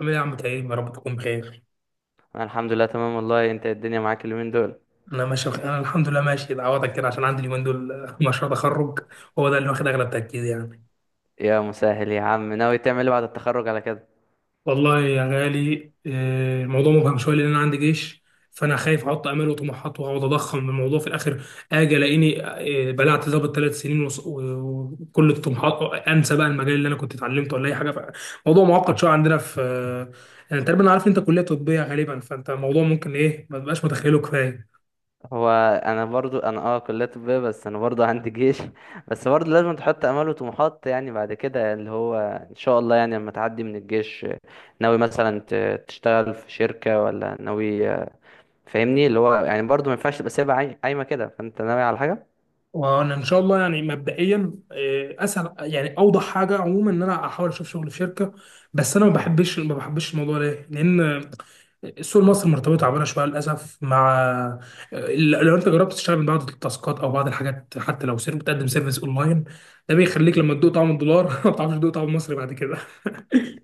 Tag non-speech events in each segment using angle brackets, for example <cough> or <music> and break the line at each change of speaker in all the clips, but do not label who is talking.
عامل ايه يا عم تعيب؟ يا رب تكون بخير.
انا الحمد لله تمام، والله. انت الدنيا معاك اليومين دول؟
انا ماشي بخير. انا الحمد لله ماشي اتعوضك كده عشان عندي اليومين دول. <laughs> مشروع تخرج هو ده اللي واخد اغلب تركيزي يعني.
يا مسهل يا عم، ناوي تعمل ايه بعد التخرج على كده؟
والله يا غالي، الموضوع مبهم شويه لان انا عندي جيش، فانا خايف احط امال وطموحات واقعد اضخم الموضوع في الاخر اجي الاقيني بلعت ظابط 3 سنين وكل الطموحات انسى بقى المجال اللي انا كنت اتعلمته ولا اي حاجه. موضوع معقد شويه عندنا في آه، يعني تقريبا أنا عارف إن انت كليه طبيه غالبا، فانت الموضوع ممكن ايه ما تبقاش متخيله كفايه.
هو انا برضو كلية طبية، بس انا برضو عندي جيش. <laughs> بس برضو لازم تحط امال وطموحات، يعني بعد كده اللي هو ان شاء الله، يعني لما تعدي من الجيش، ناوي مثلا تشتغل في شركة، ولا ناوي؟ فاهمني، اللي هو يعني برضو ما ينفعش تبقى سايبها قايمة كده، فانت ناوي على حاجة.
وانا ان شاء الله يعني مبدئيا، اسهل يعني اوضح حاجه عموما ان انا احاول اشوف شغل في شركه، بس انا ما بحبش الموضوع ده. ليه؟ لان السوق المصري مرتبطه تعبانه شويه للاسف مع، آه، لو انت جربت تشتغل من بعض التاسكات او بعض الحاجات، حتى لو سير بتقدم سيرفيس اونلاين، ده بيخليك لما تدوق طعم الدولار <laughs> ما بتعرفش تدوق طعم المصري بعد كده.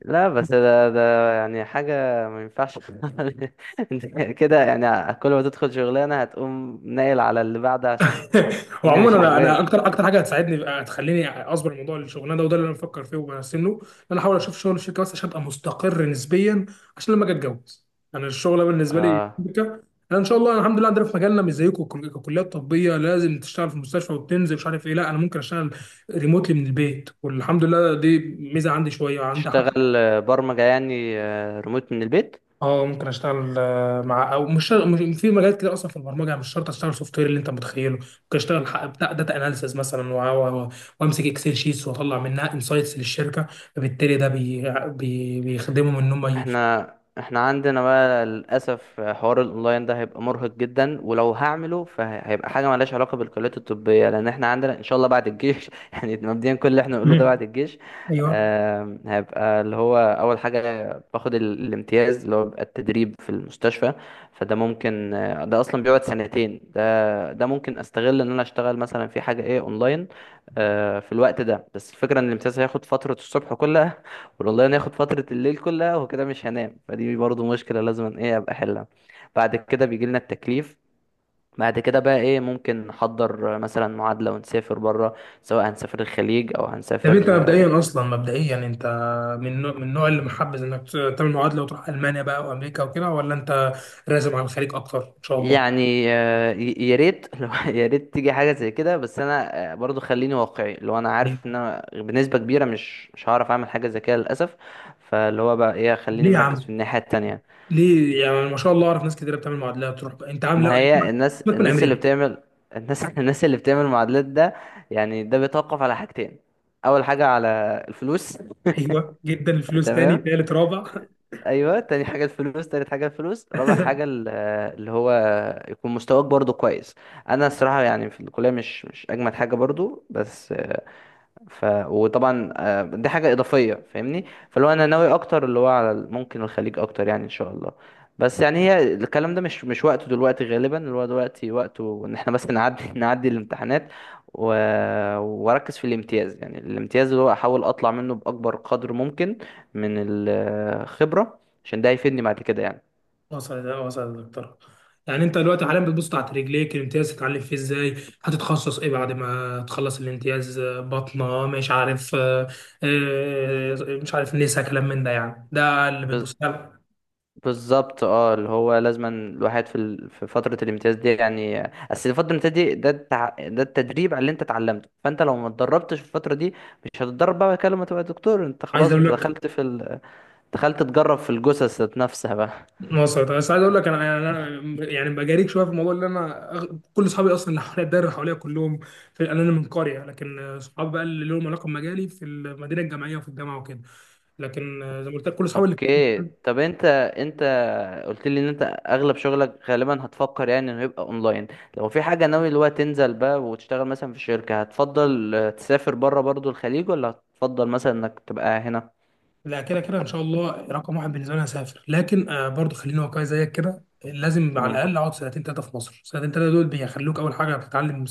لا، بس ده يعني حاجة، ما ينفعش. <laughs> انت كده يعني كل ما تدخل شغلانة هتقوم ناقل على اللي بعدها، عشان
<laughs>
الدنيا
وعموما
مش
انا
عاجباك.
اكتر حاجه هتساعدني هتخليني اصبر موضوع الشغلانه ده، وده اللي انا بفكر فيه وبرسم له، ان انا احاول اشوف شغل الشركه بس عشان ابقى مستقر نسبيا، عشان لما اجي اتجوز. انا الشغله بالنسبه لي
اه،
شركه. انا ان شاء الله الحمد لله عندنا في مجالنا مش زيكم، ككليات طبيه لازم تشتغل في المستشفى وتنزل مش عارف ايه، لا انا ممكن اشتغل ريموتلي من البيت، والحمد لله دي ميزه عندي شويه عندي.
تشتغل برمجة، يعني ريموت من البيت.
اه ممكن اشتغل مع او مش في مجالات كده اصلا في البرمجه، يعني مش شرط اشتغل سوفت وير اللي انت متخيله، ممكن اشتغل بتاع داتا اناليسز مثلا، وامسك اكسل شيتس واطلع منها انسايتس للشركه. فبالتالي ده بي بي بيخدمهم ان هم ي...
احنا احنا عندنا بقى للاسف حوار الاونلاين ده هيبقى مرهق جدا، ولو هعمله فهيبقى حاجه مالهاش علاقه بالكليات الطبيه، لان احنا عندنا ان شاء الله بعد الجيش. <laughs> يعني مبدئيا، كل اللي احنا
<laughs>
نقوله ده
مم.
بعد الجيش.
ايوه.
هيبقى اللي هو اول حاجه باخد الامتياز، اللي هو بيبقى التدريب في المستشفى. فده ممكن، ده اصلا بيقعد سنتين، ده ده ممكن استغل ان انا اشتغل مثلا في حاجه ايه اونلاين، في الوقت ده. بس الفكره ان الامتياز هياخد فتره الصبح كلها، والله ناخد فترة الليل كلها، وكده مش هنام، فدي برضو مشكلة لازم ايه ابقى احلها. بعد كده بيجي لنا التكليف، بعد كده بقى ايه ممكن نحضر مثلا معادلة ونسافر بره، سواء هنسافر الخليج او
طب انت
هنسافر.
مبدئيا اصلا يعني انت من النوع اللي محبذ انك تعمل معادله وتروح المانيا بقى وامريكا وكده، ولا انت راسم على الخليج اكتر ان شاء الله؟
يعني يا ريت، <laughs> لو يا ريت تيجي حاجة زي كده، بس انا برضو خليني واقعي، لو انا
ليه؟
عارف ان انا بنسبة كبيرة مش هعرف اعمل حاجة زي كده للأسف. فاللي هو بقى ايه خليني
ليه يا
مركز في
عم؟
الناحية التانية.
ليه يعني؟ ما شاء الله اعرف ناس كتير بتعمل معادلات تروح بقى، انت عامل
ما هي الناس
سيبك من
الناس اللي
امريكا.
بتعمل، الناس <laughs> الناس اللي بتعمل معادلات ده، يعني ده بيتوقف على حاجتين. اول حاجه على الفلوس.
ايوه جدا، الفلوس تاني
تمام.
تالت رابع.
ايوه، تاني حاجه الفلوس، تالت حاجه الفلوس، رابع حاجه
<laughs>
اللي هو يكون مستواك برضو كويس. انا الصراحه يعني في الكليه مش اجمد حاجه برضو، بس وطبعا، دي حاجة إضافية، فاهمني. فاللي هو أنا ناوي أكتر اللي هو على ممكن الخليج أكتر، يعني إن شاء الله. بس يعني هي الكلام ده مش وقته دلوقتي، غالبا اللي هو دلوقتي وقته إن إحنا بس نعدي <laughs> نعدي الامتحانات و... وأركز في الامتياز، يعني الامتياز اللي هو أحاول أطلع منه بأكبر قدر ممكن من الخبرة، عشان ده هيفيدني بعد كده يعني.
وصل وصل يا دكتور. يعني انت دلوقتي حاليا بتبص تحت رجليك الامتياز تتعلم فيه ازاي، هتتخصص ايه بعد ما تخلص الامتياز، بطنه مش عارف، آه، مش عارف نسا كلام من ده، يعني ده اللي بتبص له.
بالظبط، اه، اللي هو لازما الواحد في فترة الامتياز دي يعني، اصل فترة الامتياز دي ده التدريب على اللي انت اتعلمته، فانت لو ما اتدربتش في الفترة دي مش هتتدرب بقى كده لما تبقى دكتور. انت
عايز
خلاص،
اقول
انت
لك
دخلت تجرب في الجثث ذات نفسها بقى.
مصر طب، بس عايز اقول لك انا يعني بجاريك شويه في الموضوع اللي كل اصحابي اصلا اللي حواليا الدايره اللي حواليا كلهم في، انا من قريه لكن صحابي بقى اللي لهم علاقه بمجالي في المدينه الجامعيه وفي الجامعه وكده، لكن زي ما قلت لك كل
<laughs>
اصحابي اللي،
اوكي، طب انت قلت لي ان انت اغلب شغلك غالبا هتفكر يعني انه يبقى اونلاين. لو في حاجة ناوي اللي هو تنزل بقى وتشتغل مثلا في شركة، هتفضل تسافر بره برضو الخليج، ولا هتفضل مثلا انك تبقى هنا؟
لا كده كده ان شاء الله رقم 1 بالنسبه لي أنا هسافر، لكن برضه خليني واقعي زيك كده، لازم على
مم.
الاقل اقعد 2 3 سنين في مصر. 2 3 سنين دول بيخلوك اول حاجه بتتعلم،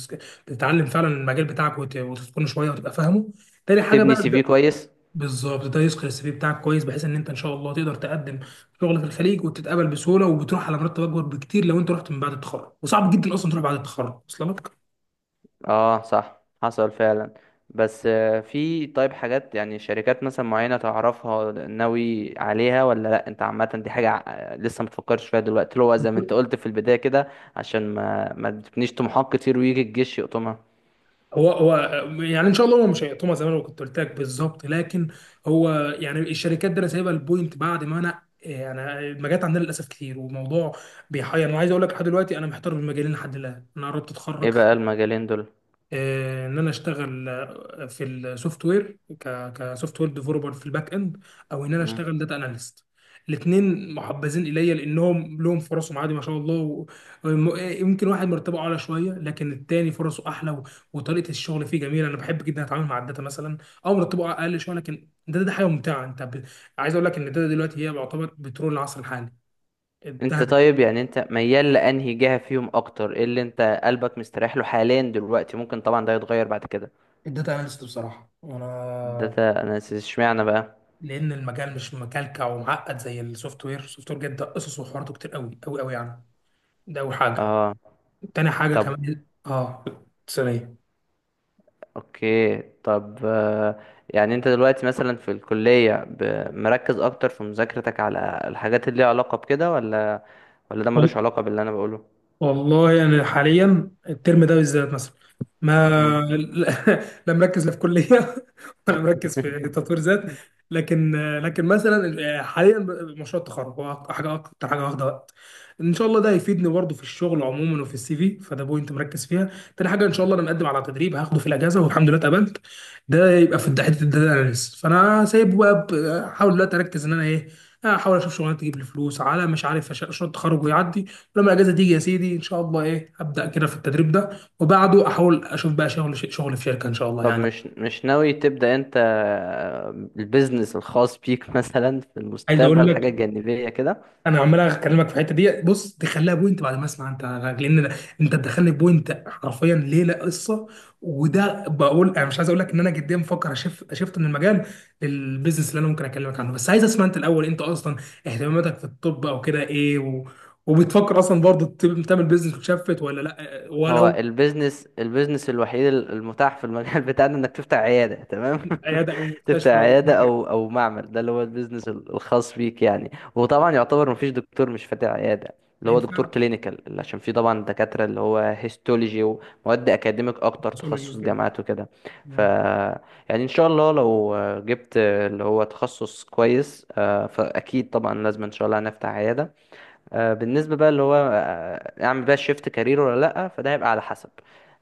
تتعلم فعلا المجال بتاعك وتتقنه شويه وتبقى فاهمه. تاني حاجه
تبني سي
بقى،
في كويس.
بالظبط ده يسقي السي في بتاعك كويس، بحيث ان انت ان شاء الله تقدر تقدم شغل في الخليج وتتقبل بسهوله، وبتروح على مرتب اكبر بكتير لو انت رحت من بعد التخرج، وصعب جدا اصلا تروح بعد التخرج اصلا لك.
اه صح، حصل فعلا. بس في طيب حاجات، يعني شركات مثلا معينة تعرفها ناوي عليها ولا لا؟ انت عامة دي حاجة لسه متفكرش فيها دلوقتي، اللي هو زي ما انت قلت في البداية كده، عشان ما تبنيش طموحات كتير ويجي الجيش يقطمها.
هو هو يعني ان شاء الله هو مش هيقطمها زي ما انا كنت قلت لك بالظبط، لكن هو يعني الشركات دي انا سايبها البوينت، بعد ما انا يعني المجالات عندنا للاسف كتير وموضوع بيحير. انا عايز اقول لك لحد دلوقتي انا محتار بين مجالين لحد الان، انا قربت
ايه
اتخرج.
بقى المجالين دول؟
ان انا اشتغل في السوفت وير كسوفت وير ديفلوبر في الباك اند، او ان انا
مم.
اشتغل داتا اناليست. الاثنين محبذين الي لانهم لهم فرصهم عادي ما شاء الله، يمكن واحد مرتبه اعلى شويه لكن التاني فرصه احلى، وطريقه الشغل فيه جميله، انا بحب جدا اتعامل مع الداتا مثلا، او مرتبه اقل شويه لكن ده حاجه ممتعه انت ب... عايز اقول لك ان الداتا دلوقتي هي يعتبر بترول العصر الحالي،
انت
الذهب.
طيب يعني انت ميال لانهي جهة فيهم اكتر؟ ايه اللي انت قلبك مستريح له حاليا دلوقتي؟ ممكن طبعا ده يتغير بعد كده.
الداتا اناليست بصراحه. وانا
ده انا اشمعنى بقى.
لان المجال مش مكلكع ومعقد زي السوفت وير، السوفت وير جدا قصص وحواراته كتير قوي قوي قوي يعني، ده اول حاجه.
اه،
تاني حاجه
طب
كمان اه، ثانيه.
اوكي. طب يعني انت دلوقتي مثلا في الكلية مركز اكتر في مذاكرتك على الحاجات اللي ليها علاقة بكده، ولا ده ملوش علاقة باللي انا بقوله؟
والله انا حاليا الترم ده بالذات مثلا ما
مم.
<laughs> لا مركز لا في كليه، <laughs> ولا مركز في تطوير ذات، لكن، لكن مثلا حاليا مشروع التخرج هو حاجه اكتر حاجه واخده وقت. ان شاء الله ده هيفيدني برضه في الشغل عموما وفي السي في، فده بوينت مركز فيها. تاني حاجه ان شاء الله انا مقدم على تدريب هاخده في الاجازه، والحمد لله اتقبلت، ده يبقى في حته الداتا اناليست. فانا سايبه بقى، احاول دلوقتي اركز ان انا ايه، احاول اشوف شغلانه تجيب لي فلوس على مش عارف مشروع التخرج ويعدي. لما الاجازه تيجي يا سيدي ان شاء الله ايه، ابدا كده في التدريب ده، وبعده احاول اشوف بقى شغل في شركه ان شاء الله
طب
يعني.
مش ناوي تبدأ انت البيزنس الخاص بيك، <laughs> مثلا في
عايز اقول
المستقبل،
لك
حاجة جانبية كده؟
انا عمال اكلمك في الحته دي، بص تخليها بوينت بعد ما اسمع انت، لان انت تدخلني بوينت حرفيا ليله قصه، وده بقول انا مش عايز اقول لك ان انا جديا بفكر اشف شفت من المجال للبيزنس، اللي انا ممكن اكلمك عنه، بس عايز اسمع انت الاول. انت اصلا اهتماماتك في الطب او كده ايه، و... وبتفكر اصلا برضه تعمل بيزنس وتشفت ولا لا
هو
ولا؟
البيزنس الوحيد المتاح في المجال <laughs> بتاعنا انك تفتح عيادة، تمام.
عياده او
<laughs> تفتح
مستشفى لو
عيادة
ربنا كده.
او معمل، ده اللي هو البيزنس الخاص بيك يعني. وطبعا يعتبر مفيش دكتور مش فاتح عيادة،
ما
اللي هو دكتور
ينفعش.
كلينيكال، عشان في طبعا دكاترة اللي هو هيستولوجي ومواد اكاديميك اكتر،
باثولوجي
تخصص
وكده.
جامعات وكده. ف
مم.
يعني ان شاء الله لو جبت اللي هو تخصص كويس، فاكيد طبعا لازم ان شاء الله هنفتح عيادة. بالنسبة بقى اللي هو أعمل بقى شيفت كارير ولا لأ، فده هيبقى على حسب.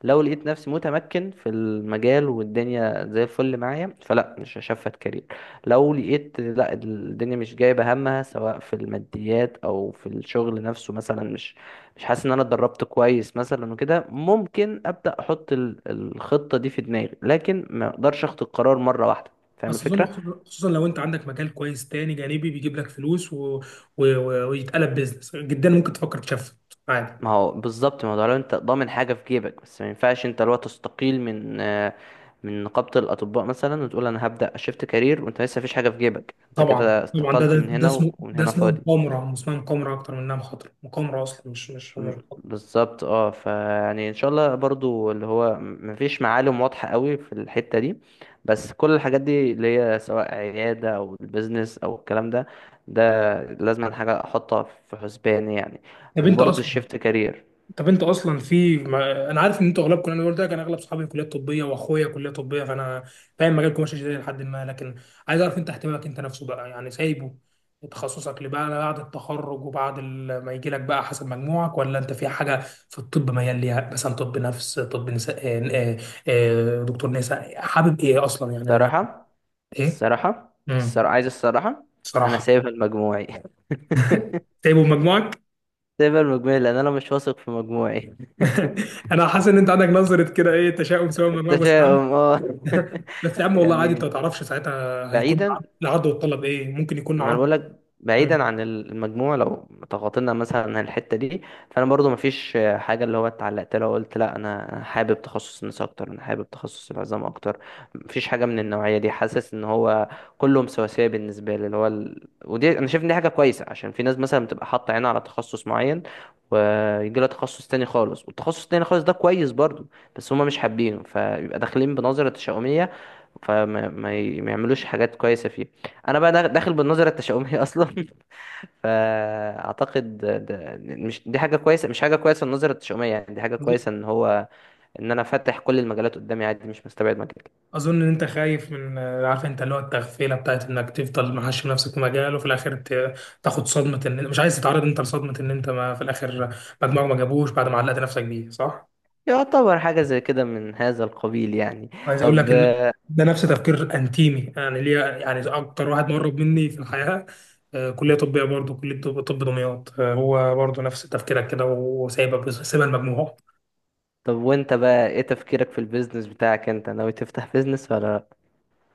لو لقيت نفسي متمكن في المجال والدنيا زي الفل معايا، فلا، مش هشفت كارير. لو لقيت لا، الدنيا مش جايبة همها، سواء في الماديات أو في الشغل نفسه مثلا، مش حاسس إن أنا اتدربت كويس مثلا وكده، ممكن أبدأ أحط الخطة دي في دماغي، لكن ما أقدرش أخد القرار مرة واحدة. فاهم
بس اظن
الفكرة؟
خصوصا لو انت عندك مجال كويس تاني جانبي بيجيب لك فلوس و... و... ويتقلب بيزنس، جدا ممكن تفكر تشفت عادي.
ما هو بالظبط، ما هو ده لو انت ضامن حاجه في جيبك. بس ما ينفعش انت لو تستقيل من من نقابه الاطباء مثلا وتقول انا هبدا اشفت كارير وانت لسه مفيش حاجه في جيبك، انت
طبعا
كده
طبعا، ده ده,
استقلت من
ده
هنا
اسمه،
ومن
ده
هنا
اسمه
فاضي.
مقامره، اسمها مقامره اكتر من انها مخاطره، مقامره اصلا مش مخاطرة.
بالظبط اه، فيعني ان شاء الله برضو اللي هو مفيش معالم واضحه قوي في الحته دي، بس كل الحاجات دي اللي هي سواء عياده او البيزنس او الكلام ده، ده لازم حاجه احطها في حسباني يعني،
طب انت
وبرضو
اصلا
الشيفت كارير.
طب انت اصلا في ما... انا عارف ان انتوا اغلبكم، انا قلت لك انا اغلب صحابي كليات طبيه واخويا كليه طبيه، فانا فاهم مجالكم ماشي ازاي لحد ما، لكن عايز اعرف انت اهتمامك انت نفسه بقى، يعني سايبه تخصصك لبقى بعد التخرج، وبعد ما يجي لك بقى حسب مجموعك، ولا انت في حاجه في الطب ميال ليها مثلا، طب نفس، طب نساء، دكتور نساء حابب ايه اصلا يعني لا.
صراحه
ايه؟
الصراحة
امم،
عايز الصراحة، أنا
صراحه،
سايبها لمجموعي. <laughs>
سايبه بمجموعك.
سايبها لمجموعي لأن أنا مش واثق في مجموعي.
<laughs> انا حاسس ان انت عندك نظره كده ايه، تشاؤم سواء من مجموعك بس.
التشاؤم، اه. <laughs>
<laughs> بس يا عم والله عادي، انت ما
يعني
تعرفش ساعتها هيكون
بعيدا
العرض، العرض والطلب ايه، ممكن يكون
ما انا
عرض.
بقول لك بعيدا
مم.
عن المجموع، لو تغاطينا مثلا عن الحته دي، فانا برضو ما فيش حاجه اللي هو اتعلقت لها وقلت لا، انا حابب تخصص النساء اكتر، انا حابب تخصص العظام اكتر. ما فيش حاجه من النوعيه دي، حاسس ان هو كلهم سواسيه بالنسبه لي ودي انا شايف ان دي حاجه كويسه، عشان في ناس مثلا بتبقى حاطه عينها على تخصص معين، ويجي لها تخصص تاني خالص، والتخصص التاني خالص ده كويس برضو، بس هما مش حابينه، فيبقى داخلين بنظره تشاؤميه، فما ما ي- ما يعملوش حاجات كويسه فيه. انا بقى داخل بالنظره التشاؤميه اصلا. <laughs> فاعتقد ده، مش دي حاجه كويسه، مش حاجه كويسه النظره التشاؤميه، يعني دي حاجه كويسه
أظ-
ان هو ان انا فاتح كل المجالات قدامي، عادي، مش مستبعد مجال.
اظن ان انت خايف من، عارف انت اللي هو التغفيله بتاعت انك تفضل محشي نفسك في مجال وفي الاخر تاخد صدمه، ان مش عايز تتعرض انت لصدمه ان انت ما في الاخر مجموعك ما جابوش بعد ما علقت نفسك بيه، صح؟
يعتبر حاجه زي كده من هذا القبيل يعني.
عايز اقول
طب
لك ان ده نفس تفكير انتيمي يعني ليا، يعني اكتر واحد مقرب مني في الحياه، كليه طبيه برضه، كليه طب، طب دمياط، هو برضه نفس تفكيرك كده، وسايبك سايبها المجموع.
طب وانت بقى ايه تفكيرك في البيزنس بتاعك؟ انت ناوي تفتح بيزنس ولا لأ؟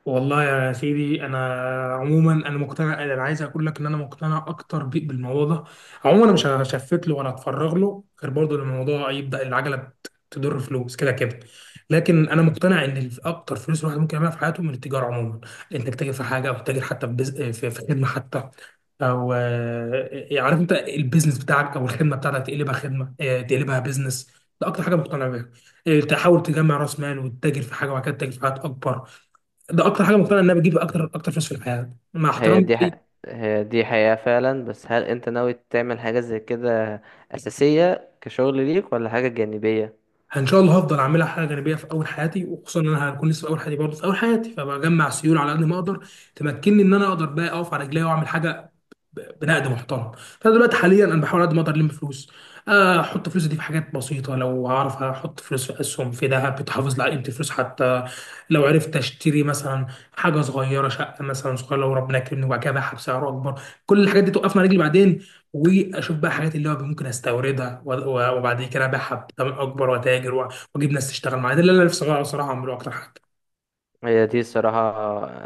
والله يا سيدي انا عموما انا مقتنع، انا عايز اقول لك ان انا مقتنع اكتر بيك بالموضوع ده. عموما انا مش هشفت له ولا هتفرغ له غير برضه لما الموضوع يبدا العجله تضر فلوس كده كده. لكن انا مقتنع ان اكتر فلوس الواحد ممكن يعملها في حياته من التجاره عموما، انك تاجر في حاجه او تاجر حتى في بز... في خدمه حتى، او عارف انت البيزنس بتاعك او الخدمه بتاعتك تقلبها خدمه، تقلبها بيزنس. ده اكتر حاجه مقتنع بيها، تحاول تجمع راس مال وتتاجر في حاجه وبعد كده تتاجر في حاجات اكبر. ده اكتر حاجه مقتنع ان انا بجيب اكتر فلوس في الحياه مع
هي
احترامي
دي ح...
ليه.
هي دي حقيقه فعلا، بس هل انت ناوي تعمل حاجه زي كده اساسيه كشغل ليك، ولا حاجه جانبيه؟
يعني ان شاء الله هفضل اعملها حاجه جانبيه في اول حياتي، وخصوصا ان انا هكون لسه في اول حياتي برضه في اول حياتي، فبجمع سيوله على قد ما اقدر تمكنني ان انا اقدر بقى اقف على رجلي واعمل حاجه بنقد محترم. فانا دلوقتي حاليا انا بحاول قد ما اقدر الم فلوس، احط فلوسي دي في حاجات بسيطه، لو اعرف احط فلوس في اسهم، في ذهب بتحافظ على قيمه الفلوس، حتى لو عرفت اشتري مثلا حاجه صغيره، شقه مثلا صغيره لو ربنا كرمني وبعد كده ابيعها بسعر اكبر، كل الحاجات دي توقفنا على رجلي بعدين. واشوف بقى حاجات اللي هو ممكن استوردها وبعد كده ابيعها بثمن اكبر واتاجر واجيب ناس تشتغل معايا. ده اللي انا نفسي أغيره صراحه اعمله اكتر حاجه.
هي دي الصراحة.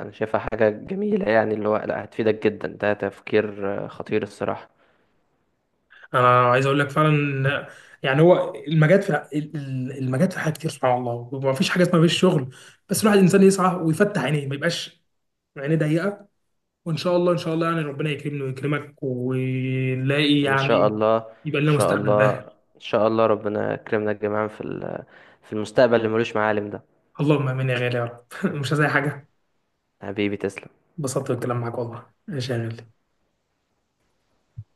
أنا شايفها حاجة جميلة، يعني اللي هو لا، هتفيدك جدا، ده تفكير خطير الصراحة.
انا عايز اقول لك فعلا إن، يعني هو المجال في المجال في حاجات كتير سبحان الله، وما فيش حاجه اسمها مفيش شغل، بس الواحد الانسان يسعى ويفتح عينيه، ما يبقاش عينيه ضيقه. وان شاء الله ان شاء الله يعني ربنا يكرمني ويكرمك ونلاقي
إن شاء
يعني،
الله.
يبقى
إن
لنا
شاء
مستقبل
الله.
باهر.
إن شاء الله ربنا يكرمنا جميعا في المستقبل اللي ملوش معالم ده.
اللهم امين يا غالي يا رب. <laughs> مش عايز اي حاجه.
حبيبي تسلم.
انبسطت بالكلام معاك والله، ماشي يا غالي.